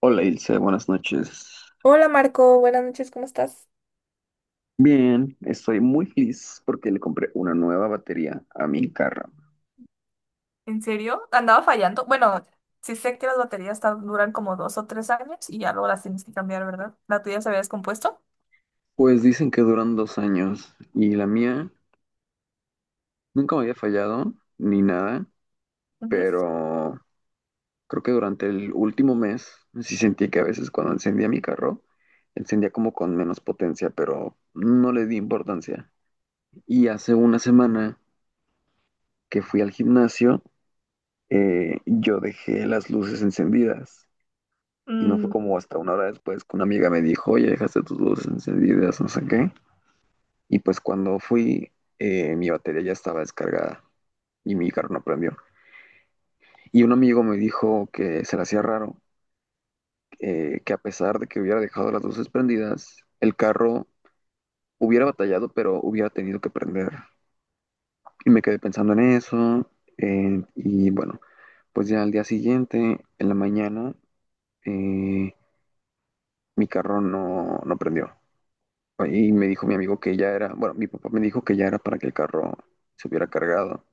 Hola Ilse, buenas noches. Hola Marco, buenas noches, ¿cómo estás? Bien, estoy muy feliz porque le compré una nueva batería a mi carro. ¿En serio? Andaba fallando. Bueno, sí sé que las baterías duran como 2 o 3 años y ya luego las tienes que cambiar, ¿verdad? ¿La tuya se había descompuesto? Pues dicen que duran 2 años y la mía nunca me había fallado ni nada, Ujú. pero creo que durante el último mes sí sentí que a veces cuando encendía mi carro, encendía como con menos potencia, pero no le di importancia. Y hace una semana que fui al gimnasio, yo dejé las luces encendidas. Y no fue Mm, como hasta una hora después que una amiga me dijo, oye, dejaste tus luces encendidas, no sé qué. Y pues cuando fui, mi batería ya estaba descargada y mi carro no prendió. Y un amigo me dijo que se le hacía raro, que a pesar de que hubiera dejado las luces prendidas, el carro hubiera batallado, pero hubiera tenido que prender. Y me quedé pensando en eso. Y bueno, pues ya al día siguiente, en la mañana, eh, mi carro no prendió. Y me dijo mi amigo que ya era, bueno, mi papá me dijo que ya era para que el carro se hubiera cargado.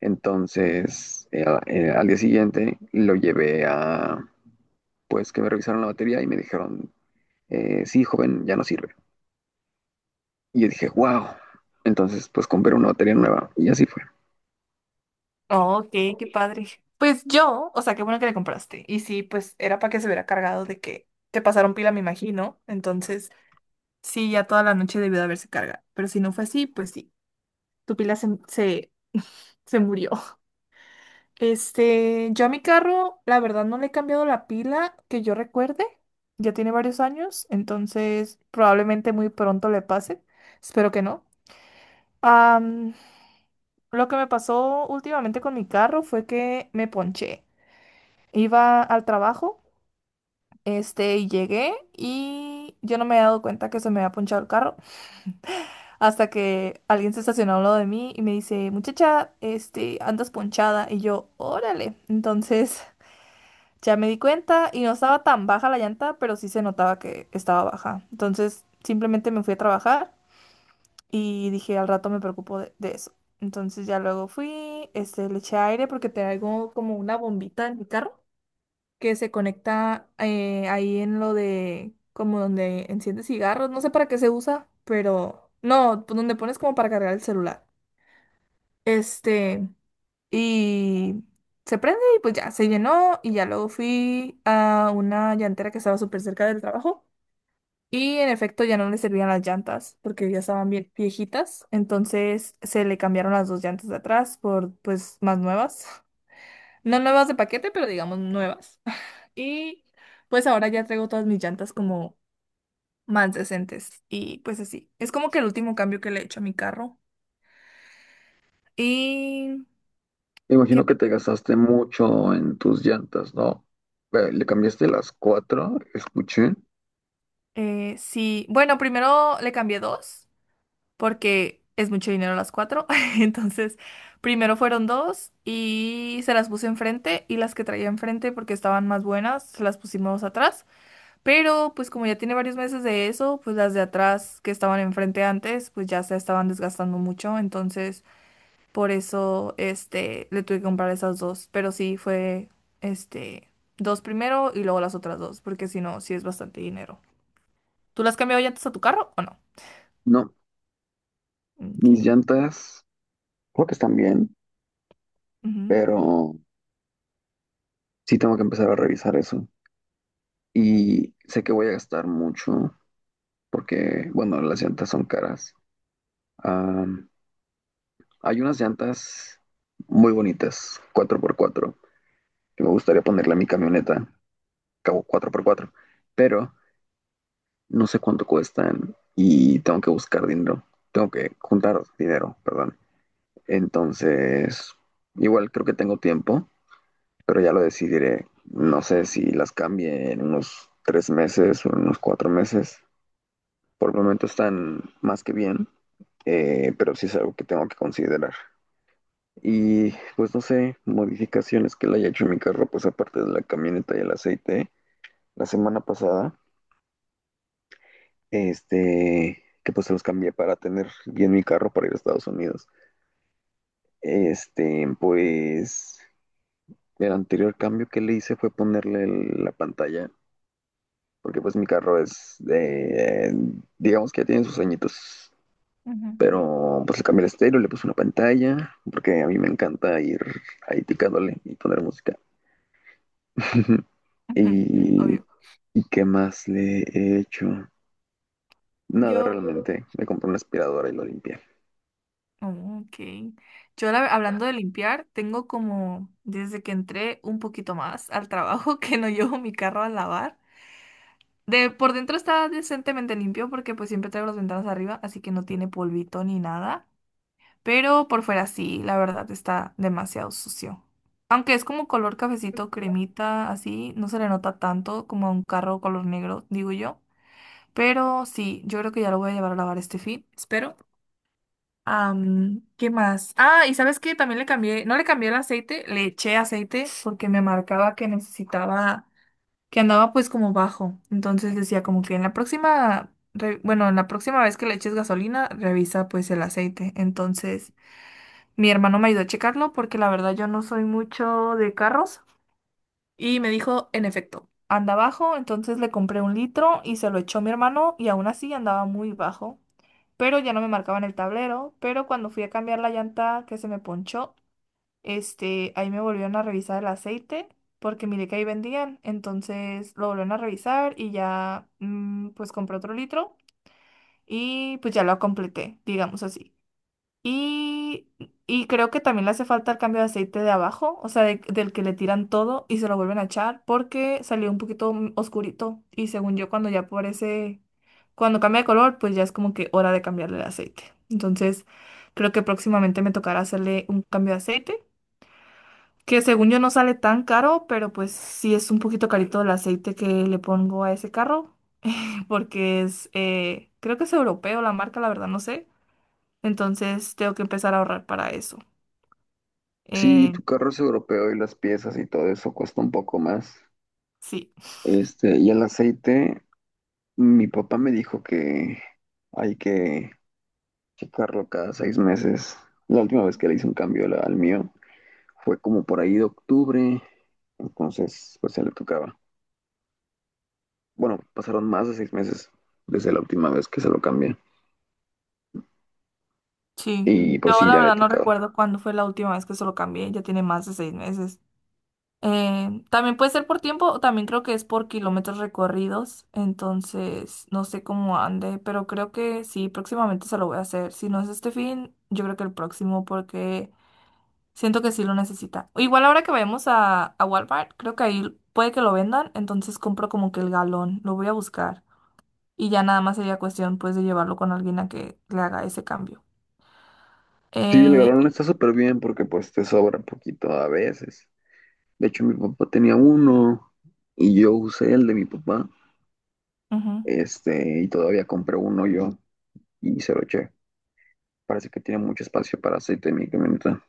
Entonces, al día siguiente lo llevé a, pues, que me revisaron la batería y me dijeron, sí, joven, ya no sirve. Y yo dije, wow. Entonces, pues, compré una batería nueva y así fue. oh, ok, qué padre. Pues yo, o sea, qué bueno que le compraste. Y sí, pues era para que se hubiera cargado de que te pasaron pila, me imagino. Entonces, sí, ya toda la noche debió de haberse cargado. Pero si no fue así, pues sí, tu pila se murió. Este, yo a mi carro, la verdad, no le he cambiado la pila que yo recuerde. Ya tiene varios años, entonces probablemente muy pronto le pase. Espero que no. Am, lo que me pasó últimamente con mi carro fue que me ponché. Iba al trabajo, este, y llegué y yo no me había dado cuenta que se me había ponchado el carro hasta que alguien se estacionó al lado de mí y me dice, muchacha, este, andas ponchada. Y yo, órale. Entonces. Ya me di cuenta y no estaba tan baja la llanta, pero sí se notaba que estaba baja. Entonces simplemente me fui a trabajar y dije al rato me preocupo de eso. Entonces ya luego fui, este, le eché aire porque traigo como una bombita en mi carro que se conecta ahí en lo de como donde enciende cigarros. No sé para qué se usa, pero no, pues donde pones como para cargar el celular. Este. Y se prende y pues ya se llenó y ya luego fui a una llantera que estaba súper cerca del trabajo y en efecto ya no le servían las llantas porque ya estaban bien viejitas, entonces se le cambiaron las dos llantas de atrás por pues más nuevas, no nuevas de paquete, pero digamos nuevas. Y pues ahora ya traigo todas mis llantas como más decentes y pues así. Es como que el último cambio que le he hecho a mi carro. Y. Me ¿Qué imagino más? que te gastaste mucho en tus llantas, ¿no? ¿Le cambiaste las cuatro? Escuché. Sí, bueno, primero le cambié dos, porque es mucho dinero las cuatro. Entonces, primero fueron dos y se las puse enfrente y las que traía enfrente porque estaban más buenas, se las pusimos atrás. Pero pues como ya tiene varios meses de eso, pues las de atrás que estaban enfrente antes, pues ya se estaban desgastando mucho. Entonces, por eso, este, le tuve que comprar esas dos. Pero sí fue, este, dos primero y luego las otras dos, porque si no, sí es bastante dinero. ¿Tú las has cambiado ya antes a tu carro o no? No, Ok. mis llantas creo que están bien, Ujú. pero sí tengo que empezar a revisar eso. Y sé que voy a gastar mucho porque, bueno, las llantas son caras. Am, hay unas llantas muy bonitas, 4x4, que me gustaría ponerle a mi camioneta, cabo 4x4, pero no sé cuánto cuestan y tengo que buscar dinero. Tengo que juntar dinero, perdón. Entonces, igual creo que tengo tiempo, pero ya lo decidiré. No sé si las cambie en unos 3 meses o en unos 4 meses. Por el momento están más que bien, pero sí es algo que tengo que considerar. Y pues no sé, modificaciones que le haya hecho en mi carro, pues aparte de la camioneta y el aceite, la semana pasada, que pues se los cambié para tener bien mi carro para ir a Estados Unidos. Este, pues el anterior cambio que le hice fue ponerle la pantalla, porque pues mi carro es, digamos que ya tiene sus añitos. Ujú. Pero pues le cambié el estéreo, le puse una pantalla, porque a mí me encanta ir ahí picándole y poner música. Ujú, Y, obvio. ¿y qué más le he hecho? Nada, Yo, realmente. Me compré una aspiradora y lo limpié. oh, ok. Yo hablando de limpiar, tengo como desde que entré un poquito más al trabajo que no llevo mi carro a lavar. De por dentro está decentemente limpio porque pues siempre traigo las ventanas arriba, así que no tiene polvito ni nada. Pero por fuera sí, la verdad está demasiado sucio. Aunque es como color cafecito, cremita, así, no se le nota tanto como a un carro color negro, digo yo. Pero sí, yo creo que ya lo voy a llevar a lavar este fin, espero. ¿Qué más? Ah, y sabes que también le cambié, no le cambié el aceite, le eché aceite porque me marcaba que necesitaba, que andaba pues como bajo. Entonces decía como que en la próxima, bueno, en la próxima vez que le eches gasolina, revisa pues el aceite. Entonces mi hermano me ayudó a checarlo porque la verdad yo no soy mucho de carros y me dijo, en efecto, anda bajo. Entonces le compré 1 litro y se lo echó mi hermano y aún así andaba muy bajo pero ya no me marcaban el tablero, pero cuando fui a cambiar la llanta que se me ponchó, este, ahí me volvieron a revisar el aceite porque miré que ahí vendían, entonces lo volvieron a revisar y ya pues compré otro litro y pues ya lo completé, digamos así. Y, y creo que también le hace falta el cambio de aceite de abajo, o sea, del que le tiran todo y se lo vuelven a echar porque salió un poquito oscurito. Y según yo, cuando ya aparece, cuando cambia de color, pues ya es como que hora de cambiarle el aceite. Entonces, creo que próximamente me tocará hacerle un cambio de aceite, que según yo no sale tan caro, pero pues sí es un poquito carito el aceite que le pongo a ese carro, porque es, creo que es europeo la marca, la verdad, no sé. Entonces, tengo que empezar a ahorrar para eso. Sí, Eh, tu carro es europeo y las piezas y todo eso cuesta un poco más. sí, Este, y el aceite, mi papá me dijo que hay que checarlo cada 6 meses. La última vez que le hice un cambio al mío, fue como por ahí de octubre, entonces pues se le tocaba. Bueno, pasaron más de 6 meses desde la última vez que se lo cambié sí. y Yo pues sí, la ya le verdad no tocaba. recuerdo cuándo fue la última vez que se lo cambié, ya tiene más de 6 meses. También puede ser por tiempo, o también creo que es por kilómetros recorridos, entonces no sé cómo ande, pero creo que sí, próximamente se lo voy a hacer. Si no es este fin, yo creo que el próximo, porque siento que sí lo necesita. Igual ahora que vayamos a Walmart, creo que ahí puede que lo vendan, entonces compro como que el galón, lo voy a buscar. Y ya nada más sería cuestión pues de llevarlo con alguien a que le haga ese cambio. Sí, el Eh, galón está súper bien porque pues te sobra poquito a veces. De hecho, mi papá tenía uno y yo usé el de mi papá, Ujú. Y todavía compré uno yo y se lo eché. Parece que tiene mucho espacio para aceite en mi camioneta.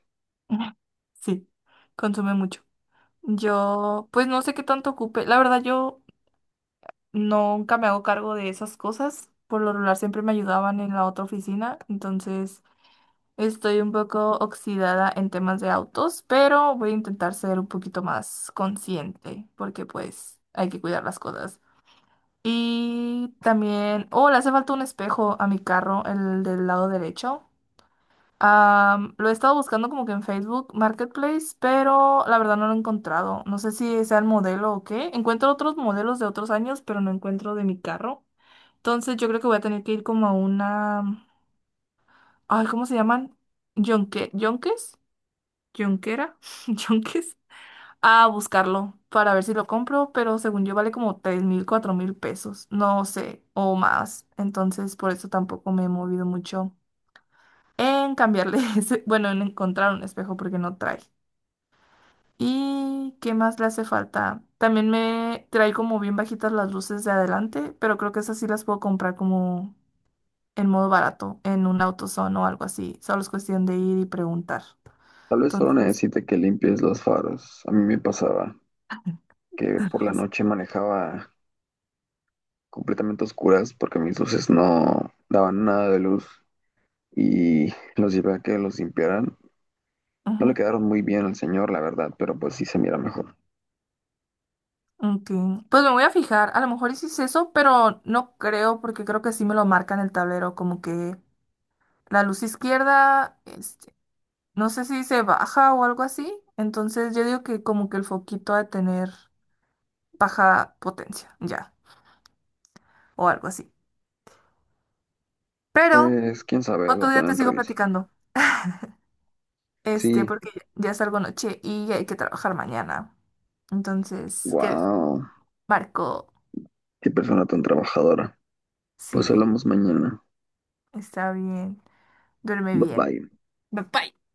Sí, consume mucho. Yo, pues no sé qué tanto ocupe. La verdad, yo nunca me hago cargo de esas cosas. Por lo regular siempre me ayudaban en la otra oficina. Entonces, estoy un poco oxidada en temas de autos, pero voy a intentar ser un poquito más consciente, porque pues hay que cuidar las cosas. Y también, oh, le hace falta un espejo a mi carro, el del lado derecho. Lo he estado buscando como que en Facebook Marketplace, pero la verdad no lo he encontrado. No sé si sea el modelo o qué. Encuentro otros modelos de otros años, pero no encuentro de mi carro. Entonces yo creo que voy a tener que ir como a una. Ay, ¿cómo se llaman? Yonque. ¿Yonques? ¿Yonquera? ¿Yonques? A buscarlo para ver si lo compro, pero según yo vale como 3,000, 4,000 pesos. No sé, o más. Entonces por eso tampoco me he movido mucho en cambiarle ese, bueno, en encontrar un espejo porque no trae. ¿Y qué más le hace falta? También me trae como bien bajitas las luces de adelante, pero creo que esas sí las puedo comprar como en modo barato, en un AutoZone o algo así. Solo es cuestión de ir y preguntar. Tal vez solo Entonces, necesite que limpies los faros. A mí me pasaba que por la es- noche manejaba completamente oscuras porque mis luces no daban nada de luz y los llevé a que los limpiaran. No le ujú, quedaron muy bien al señor, la verdad, pero pues sí se mira mejor. ok. Pues me voy a fijar. A lo mejor hiciste eso, pero no creo porque creo que sí me lo marca en el tablero, como que la luz izquierda, este, no sé si se baja o algo así. Entonces yo digo que como que el foquito ha de tener baja potencia, ya, o algo así. Pero Pues quién sabe, otro lo día te pueden sigo revisar. platicando, este, Sí, porque ya salgo noche y hay que trabajar mañana. Entonces, que wow, Marco, qué persona tan trabajadora. Pues sí, hablamos mañana. está bien, duerme Bye bien. bye. Bye. Bye.